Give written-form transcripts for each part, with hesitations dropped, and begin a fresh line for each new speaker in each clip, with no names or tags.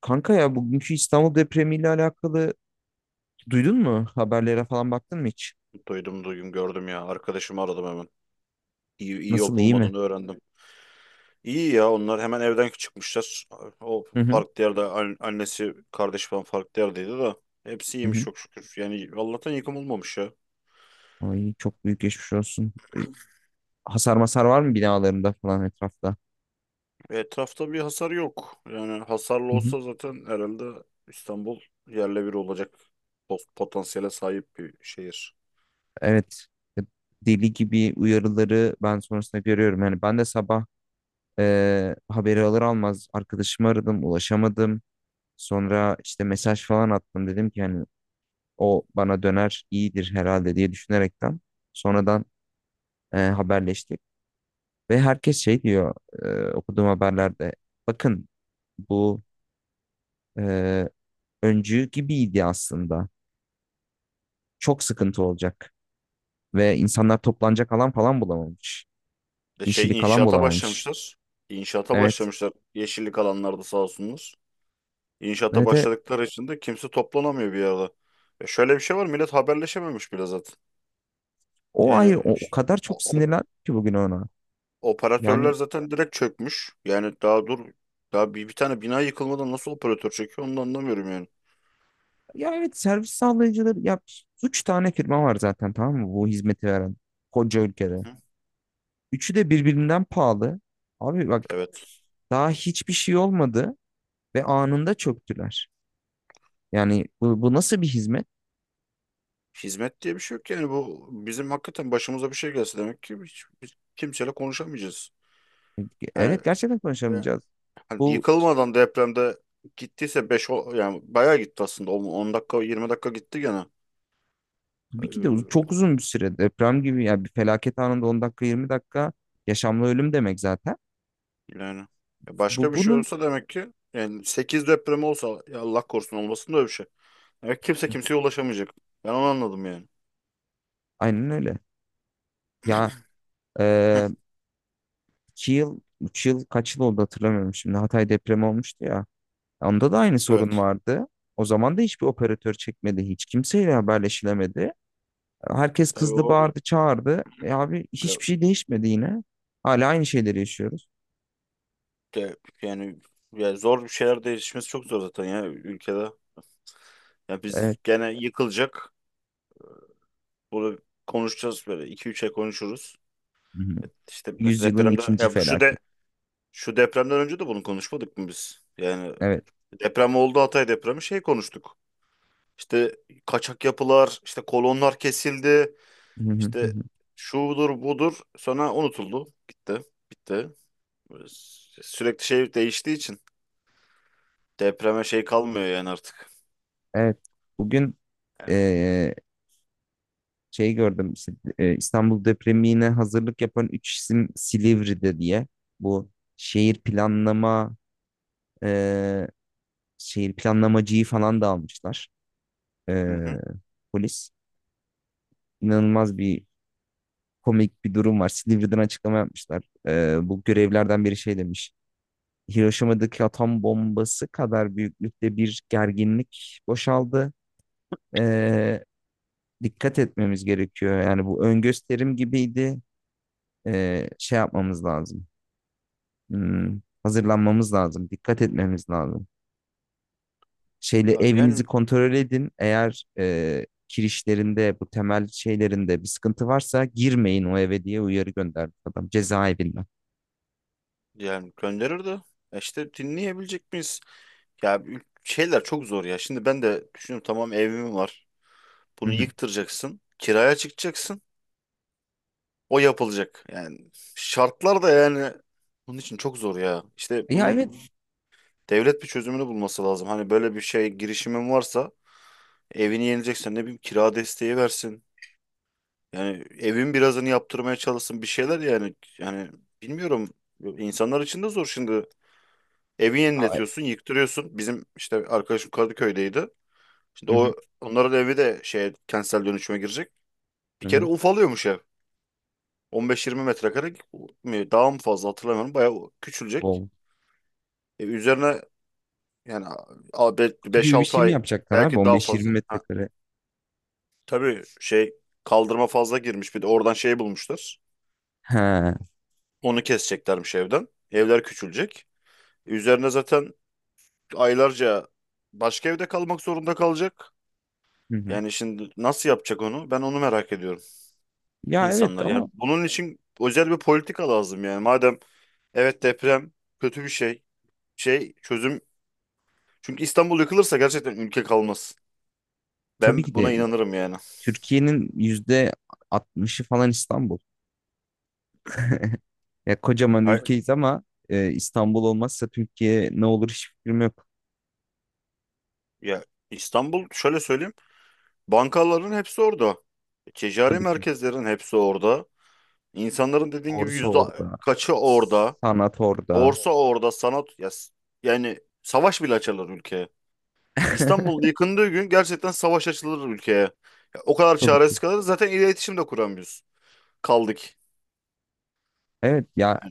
Kanka ya bugünkü İstanbul depremiyle alakalı duydun mu? Haberlere falan baktın mı hiç?
Duydum duydum gördüm ya. Arkadaşımı aradım hemen. İyi
Nasıl
olup
iyi mi?
olmadığını öğrendim. İyi ya onlar hemen evden çıkmışlar. O
Hı hı.
farklı yerde annesi kardeş falan farklı yerdeydi de. Hepsi
Hı
iyiymiş
hı.
çok şükür. Yani Allah'tan yıkım olmamış ya.
Ay çok büyük geçmiş olsun. Hasar masar var mı binalarında falan etrafta?
Etrafta bir hasar yok. Yani hasarlı
Hı hı.
olsa zaten herhalde İstanbul yerle bir olacak potansiyele sahip bir şehir.
Evet. E, Deli gibi uyarıları ben sonrasında görüyorum. Yani ben de sabah haberi alır almaz arkadaşımı aradım, ulaşamadım. Sonra işte mesaj falan attım dedim ki yani o bana döner iyidir herhalde diye düşünerekten sonradan haberleştik. Ve herkes şey diyor okuduğum haberlerde. Bakın bu e, öncü gibiydi aslında. Çok sıkıntı olacak. Ve insanlar toplanacak alan falan bulamamış.
De şey
Yeşillik alan
inşaata
bulamamış.
başlamışlar. İnşaata
Evet.
başlamışlar. Yeşillik alanlarda sağ olsunlar. İnşaata
Evet. Evet.
başladıkları için de kimse toplanamıyor bir yerde. Şöyle bir şey var, millet haberleşememiş bile zaten.
O ayrı.
Yani
O kadar
o-
çok
o-
sinirlendim ki bugün ona. Yani
operatörler zaten direkt çökmüş. Yani daha dur, daha bir tane bina yıkılmadan nasıl operatör çöküyor onu da anlamıyorum yani.
ya evet, servis sağlayıcıları ya, üç tane firma var zaten, tamam mı? Bu hizmeti veren koca ülkede.
Hı hı.
Üçü de birbirinden pahalı. Abi bak,
Evet.
daha hiçbir şey olmadı ve anında çöktüler. Yani bu nasıl bir hizmet?
Hizmet diye bir şey yok yani. Bu bizim hakikaten başımıza bir şey gelse demek ki hiç, biz kimseyle konuşamayacağız. Yani,
Evet, gerçekten
yani
konuşamayacağız.
hani
Bu
yıkılmadan, depremde gittiyse 5 yani bayağı gitti aslında, on dakika 20 dakika gitti gene.
tabii ki de
Ee,
çok uzun bir süre, deprem gibi yani bir felaket anında, 10 dakika 20 dakika yaşamla ölüm demek zaten.
Yani, başka
Bu
bir şey
bunun
olsa demek ki yani 8 deprem olsa, ya Allah korusun olmasın da öyle bir şey. Demek kimse kimseye ulaşamayacak. Ben onu anladım yani.
aynen öyle. Ya
Heh,
e, 2 yıl, 3 yıl, kaç yıl oldu hatırlamıyorum şimdi, Hatay depremi olmuştu ya. Onda da aynı sorun
evet.
vardı. O zaman da hiçbir operatör çekmedi. Hiç kimseyle haberleşilemedi. Herkes
Tabii o
kızdı,
o-
bağırdı, çağırdı. E abi,
ya,
hiçbir şey değişmedi yine. Hala aynı şeyleri yaşıyoruz.
de, yani ya zor, bir şeyler değişmesi çok zor zaten ya ülkede. Ya biz
Evet.
gene yıkılacak. Bunu konuşacağız, böyle 2-3 ay konuşuruz. İşte mesela
Yüzyılın
depremden,
ikinci
ya bu
felaket.
şu depremden önce de bunu konuşmadık mı biz? Yani
Evet.
deprem oldu, Hatay depremi şey konuştuk. İşte kaçak yapılar, işte kolonlar kesildi,
Hı hı hı
işte
hı.
şudur budur sonra unutuldu. Gitti, bitti. Böyle sürekli şey değiştiği için depreme şey kalmıyor yani artık.
Evet. Bugün
Yani
eee, şey gördüm, işte, İstanbul depremine hazırlık yapan üç isim Silivri'de diye. Bu şehir planlama, eee, şehir planlamacıyı falan da almışlar.
hı
Eee,
hı.
polis. İnanılmaz bir, komik bir durum var. Silivri'den açıklama yapmışlar. Bu görevlerden biri şey demiş. Hiroşima'daki atom bombası kadar büyüklükte bir gerginlik boşaldı. Eee, dikkat etmemiz gerekiyor. Yani bu ön gösterim gibiydi. Şey yapmamız lazım. Hazırlanmamız lazım. Dikkat etmemiz lazım. Şeyle
Ya
evinizi
yani,
kontrol edin. Eğer kirişlerinde, bu temel şeylerinde bir sıkıntı varsa girmeyin o eve diye uyarı gönderdi adam cezaevinden.
Gönderir de işte dinleyebilecek miyiz? Ya şeyler çok zor ya. Şimdi ben de düşünüyorum, tamam evim var.
Hı
Bunu
hı.
yıktıracaksın. Kiraya çıkacaksın. O yapılacak. Yani şartlar da yani bunun için çok zor ya. İşte
Ya,
bunun
evet.
devlet bir çözümünü bulması lazım. Hani böyle bir şey, girişimin varsa evini yenileceksen ne bileyim kira desteği versin. Yani evin birazını yaptırmaya çalışsın, bir şeyler yani. Yani bilmiyorum. İnsanlar için de zor şimdi. Evi
Aa.
yeniletiyorsun, yıktırıyorsun. Bizim işte arkadaşım Kadıköy'deydi. Şimdi
Hı hı,
onların evi de şey kentsel dönüşüme girecek. Bir
hı
kere
hı.
ufalıyormuş ev. 15-20 metrekare mi, daha mı fazla hatırlamıyorum. Bayağı küçülecek.
Wow.
Üzerine yani
Kutu gibi bir
5-6
şey mi
ay,
yapacaklar abi?
belki daha
15-20
fazla. Ha,
metrekare.
tabii şey kaldırma fazla girmiş. Bir de oradan şey bulmuşlar.
Ha.
Onu keseceklermiş evden. Evler küçülecek. Üzerine zaten aylarca başka evde kalmak zorunda kalacak.
Hı hı.
Yani şimdi nasıl yapacak onu? Ben onu merak ediyorum,
Ya evet,
insanlar.
ama
Yani bunun için özel bir politika lazım yani. Madem evet, deprem kötü bir şey. Şey çözüm. Çünkü İstanbul yıkılırsa gerçekten ülke kalmaz.
tabii
Ben
ki
buna
de
inanırım yani.
Türkiye'nin %60'ı falan İstanbul. Ya kocaman
Hay
ülkeyiz ama, İstanbul olmazsa Türkiye ne olur hiç fikrim yok.
ya, İstanbul şöyle söyleyeyim. Bankaların hepsi orada. Ticari
Tabii ki.
merkezlerin hepsi orada. İnsanların dediğin gibi
Borsa
yüzde
orada.
kaçı orada.
Sanat orada.
Borsa orada. Sanat ya, yani savaş bile açarlar ülkeye. İstanbul yıkındığı gün gerçekten savaş açılır ülkeye. Ya o kadar
Tabii
çaresiz
ki.
kalırız. Zaten iletişim de kuramıyoruz. Kaldık.
Evet ya,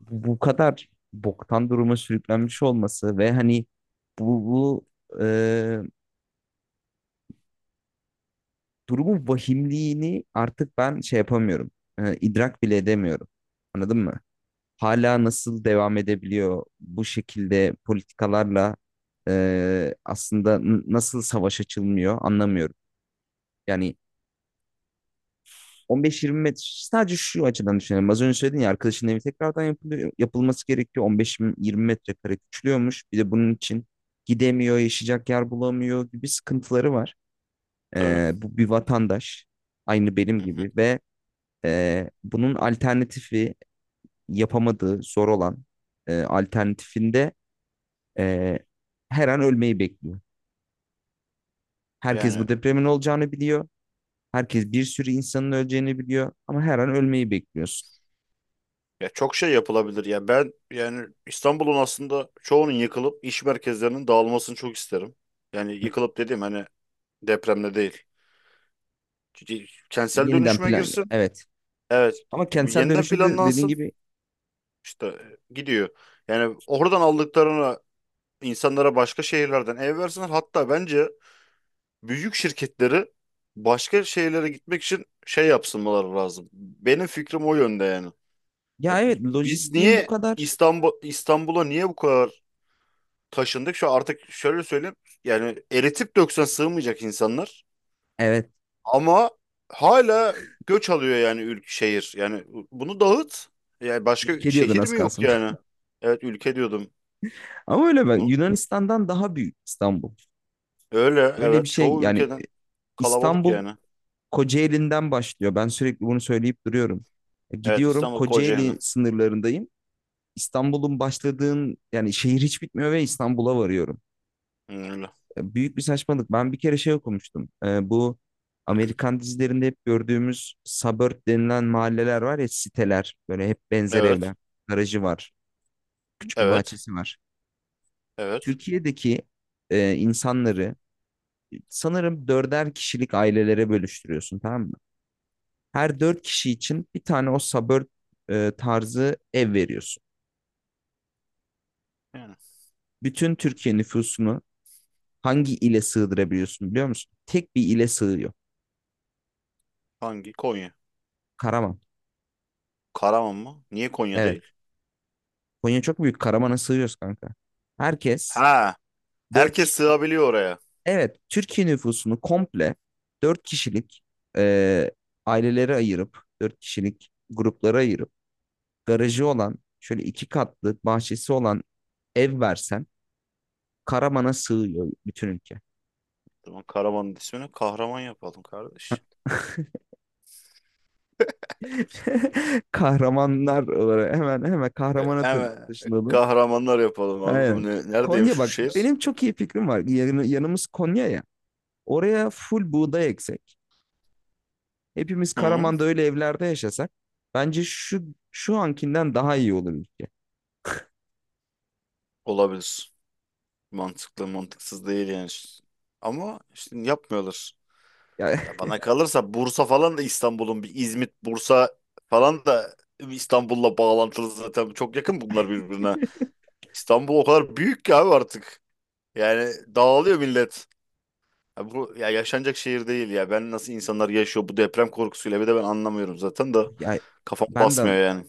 bu kadar boktan duruma sürüklenmiş olması ve hani bu e, durumun vahimliğini artık ben şey yapamıyorum. İdrak bile edemiyorum. Anladın mı? Hala nasıl devam edebiliyor bu şekilde politikalarla aslında nasıl savaş açılmıyor anlamıyorum. Yani 15-20 metre, sadece şu açıdan düşünelim. Az önce söyledin ya, arkadaşın evi tekrardan yapılıyor, yapılması gerekiyor. 15-20 metrekare küçülüyormuş. Bir de bunun için gidemiyor, yaşayacak yer bulamıyor gibi sıkıntıları var.
Tabii.
Bu bir vatandaş aynı benim
Hı hı.
gibi, ve bunun alternatifi yapamadığı, zor olan alternatifinde, Ee, her an ölmeyi bekliyor. Herkes
Yani
bu depremin olacağını biliyor. Herkes bir sürü insanın öleceğini biliyor. Ama her an ölmeyi bekliyorsun.
ya çok şey yapılabilir. Ya ben yani İstanbul'un aslında çoğunun yıkılıp iş merkezlerinin dağılmasını çok isterim. Yani yıkılıp dediğim hani depremde değil. Kentsel
Yeniden
dönüşüme
plan.
girsin.
Evet.
Evet.
Ama kentsel
Yeniden
dönüşümde dediğin
planlansın.
gibi,
İşte gidiyor. Yani oradan aldıklarını insanlara, başka şehirlerden ev versinler. Hatta bence büyük şirketleri başka şeylere gitmek için şey yapsınmaları lazım. Benim fikrim o yönde yani.
ya
Ha,
evet,
biz
lojistiğim bu
niye
kadar.
İstanbul'a niye bu kadar taşındık? Şu artık şöyle söyleyeyim. Yani eritip döksen sığmayacak insanlar.
Evet.
Ama hala göç alıyor yani ülke, şehir. Yani bunu dağıt. Yani başka
Ülke diyordun
şehir
az
mi yok
kalsın.
yani? Evet, ülke diyordum.
Ama öyle, ben
Bunu-
Yunanistan'dan daha büyük İstanbul.
Öyle
Öyle
evet,
bir şey
çoğu
yani.
ülkeden kalabalık
İstanbul
yani.
Kocaeli'nden başlıyor. Ben sürekli bunu söyleyip duruyorum.
Evet,
Gidiyorum,
İstanbul Kocaeli.
Kocaeli sınırlarındayım. İstanbul'un başladığın yani şehir hiç bitmiyor ve İstanbul'a varıyorum.
Hı, öyle.
Büyük bir saçmalık. Ben bir kere şey okumuştum. Bu Amerikan dizilerinde hep gördüğümüz suburb denilen mahalleler var ya, siteler. Böyle hep benzer evler.
Evet.
Garajı var. Küçük bir
Evet.
bahçesi var.
Evet.
Türkiye'deki insanları sanırım dörder kişilik ailelere bölüştürüyorsun, tamam mı? Her dört kişi için bir tane o suburb tarzı ev veriyorsun.
Yani
Bütün Türkiye nüfusunu hangi ile sığdırabiliyorsun, biliyor musun? Tek bir ile sığıyor.
hangi? Konya.
Karaman.
Karaman mı? Niye Konya
Evet.
değil?
Konya çok büyük. Karaman'a sığıyoruz kanka. Herkes
Ha,
4 ki-
herkes sığabiliyor oraya.
evet, Türkiye nüfusunu komple 4 kişilik e, ailelere ayırıp, 4 kişilik gruplara ayırıp, garajı olan, şöyle iki katlı, bahçesi olan ev versen, Karaman'a sığıyor bütün ülke.
Tamam, Karaman'ın ismini kahraman yapalım kardeş.
Kahramanlar olarak, hemen hemen
E,
Kahraman'a
hemen
taşınalım.
kahramanlar yapalım abi. Bu
Aynen.
ne, neredeymiş
Konya
şu
bak,
şehir?
benim çok iyi fikrim var. Yanımız Konya ya. Oraya full buğday eksek. Hepimiz
Hı,
Karaman'da öyle evlerde yaşasak, bence şu ankinden daha iyi olur ülke.
olabilir. Mantıklı, mantıksız değil yani. Ama işte yapmıyorlar.
Ya.
Ya bana kalırsa Bursa falan da İstanbul'un bir, İzmit, Bursa falan da İstanbul'la bağlantılı zaten. Çok yakın bunlar birbirine. İstanbul o kadar büyük ki abi artık. Yani dağılıyor millet. Ya bu ya yaşanacak şehir değil ya. Ben, nasıl insanlar yaşıyor bu deprem korkusuyla bir de, ben anlamıyorum zaten da
Ya
kafam
ben de
basmıyor yani.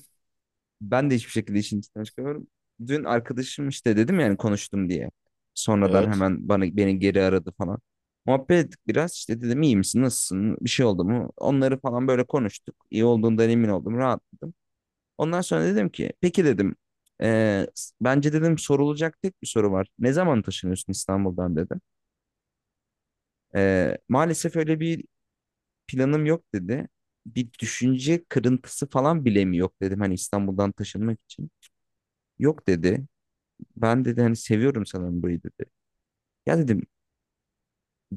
ben de hiçbir şekilde işin içinden çıkamıyorum. Dün arkadaşım, işte dedim yani, konuştum diye. Sonradan
Evet.
hemen bana, beni geri aradı falan. Muhabbet ettik biraz, işte dedim iyi misin, nasılsın, bir şey oldu mu? Onları falan böyle konuştuk. İyi olduğundan emin oldum, rahatladım. Ondan sonra dedim ki, peki dedim, "eee, bence dedim, sorulacak tek bir soru var. Ne zaman taşınıyorsun İstanbul'dan, dedim. Maalesef öyle bir planım yok, dedi. Bir düşünce kırıntısı falan bile mi yok dedim, hani İstanbul'dan taşınmak için. Yok, dedi. Ben, dedi, hani seviyorum sanırım burayı, dedi. Ya dedim,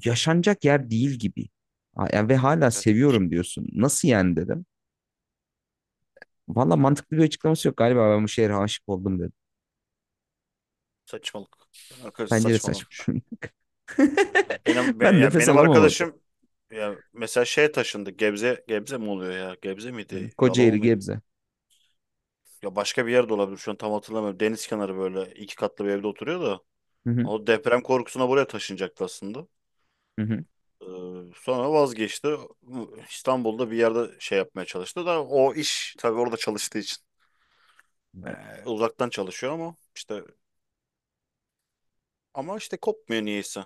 yaşanacak yer değil gibi. Ha, ya ve hala
Ya
seviyorum diyorsun. Nasıl yani, dedim. Valla mantıklı bir açıklaması yok, galiba ben bu şehre aşık oldum, dedim.
saçmalık. Yani arkadaş
Bence de saçma.
saçmalamış. Ya Benim be-
Ben
ya
nefes
benim
alamam orada.
arkadaşım, ya mesela şeye taşındı. Gebze, Gebze mi oluyor ya? Gebze
Hı.
miydi? Yalova
Kocaeli,
mıydı?
Gebze.
Ya başka bir yerde olabilir. Şu an tam hatırlamıyorum. Deniz kenarı böyle iki katlı bir evde oturuyor da.
Hı hı,
O deprem korkusuna buraya taşınacaktı aslında.
hı hı.
Ee, Sonra vazgeçti. İstanbul'da bir yerde şey yapmaya çalıştı da o iş tabii orada çalıştığı için,
Evet.
ee, uzaktan çalışıyor ama işte kopmuyor niyeyse.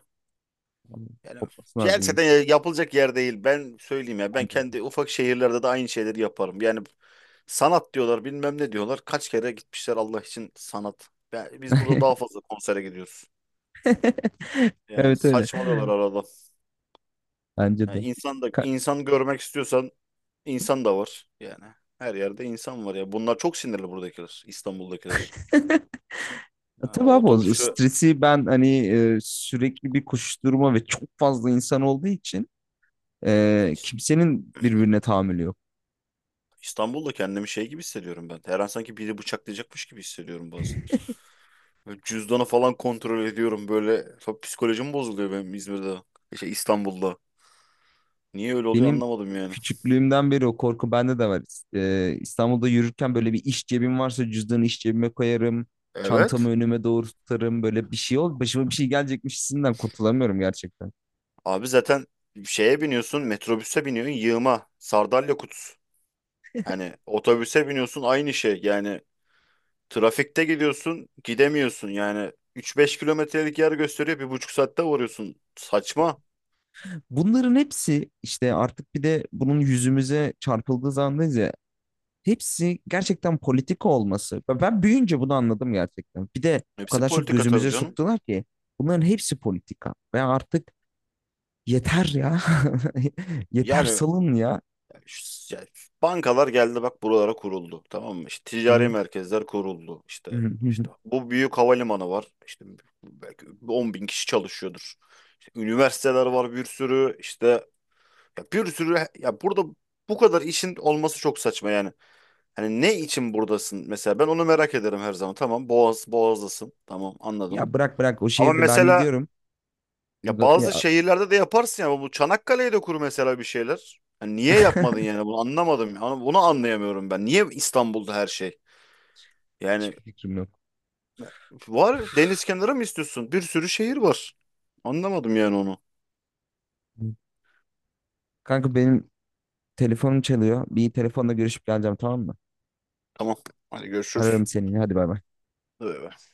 Yani
Kopması lazım
gelse
insan.
yapılacak yer değil. Ben söyleyeyim ya, ben
Bence
kendi ufak şehirlerde de aynı şeyleri yaparım. Yani sanat diyorlar bilmem ne diyorlar. Kaç kere gitmişler Allah için sanat. Biz burada
de.
daha fazla konsere gidiyoruz. Yani
Evet öyle.
saçmalıyorlar arada.
Bence
Yani
de.
insan da,
Ka-
insan görmek istiyorsan insan da var yani. Her yerde insan var ya. Bunlar çok sinirli, buradakiler, İstanbul'dakiler. Yani
Tabii
o
abi,
otobüs,
o
şu
stresi ben hani, sürekli bir koşuşturma ve çok fazla insan olduğu için,
ya, ben
kimsenin birbirine tahammülü yok.
İstanbul'da kendimi şey gibi hissediyorum ben. Her an sanki biri bıçaklayacakmış gibi hissediyorum bazen. Böyle cüzdanı falan kontrol ediyorum böyle. Çok psikolojim bozuluyor benim İzmir'de. Şey, İstanbul'da. Niye öyle oluyor
Benim
anlamadım yani.
küçüklüğümden beri o korku bende de var. İstanbul'da yürürken, böyle bir iş cebim varsa cüzdanı iş cebime koyarım. Çantamı
Evet.
önüme doğru tutarım. Böyle bir şey ol. Başıma bir şey gelecekmiş hissinden kurtulamıyorum gerçekten.
Abi zaten şeye biniyorsun, metrobüse biniyorsun, yığma. Sardalya kutusu. Hani otobüse biniyorsun, aynı şey. Yani trafikte gidiyorsun, gidemiyorsun yani. 3-5 kilometrelik yer gösteriyor, 1,5 saatte varıyorsun. Saçma.
Bunların hepsi işte, artık bir de bunun yüzümüze çarpıldığı zamandayız ya. Hepsi gerçekten politika olması. Ben büyüyünce bunu anladım gerçekten. Bir de o
Hepsi
kadar çok
politika tabii
gözümüze
canım.
soktular ki, bunların hepsi politika. Ve artık yeter ya. Yeter,
Yani,
salın ya.
ya, bankalar geldi bak buralara kuruldu. Tamam mı? İşte
Hı
ticari
hı,
merkezler kuruldu. İşte
hı hı, hı hı.
işte bu büyük havalimanı var. İşte belki 10.000 kişi çalışıyordur. İşte üniversiteler var bir sürü. İşte ya bir sürü, ya burada bu kadar işin olması çok saçma yani. Hani ne için buradasın mesela, ben onu merak ederim her zaman. Tamam, Boğaz'dasın. Tamam, anladım.
Ya bırak bırak, o
Ama
şehirde ben
mesela
gidiyorum.
ya bazı
Ya,
şehirlerde de yaparsın ya, bu Çanakkale'ye de kur mesela bir şeyler. Hani niye yapmadın yani, bunu anlamadım. Yani bunu anlayamıyorum ben. Niye İstanbul'da her şey? Yani
hiçbir fikrim yok.
var, deniz kenarı mı istiyorsun? Bir sürü şehir var. Anlamadım yani onu.
Kanka benim telefonum çalıyor. Bir telefonla görüşüp geleceğim, tamam mı?
Tamam. Hadi görüşürüz.
Ararım seni. Hadi bay bay.
Bay bay.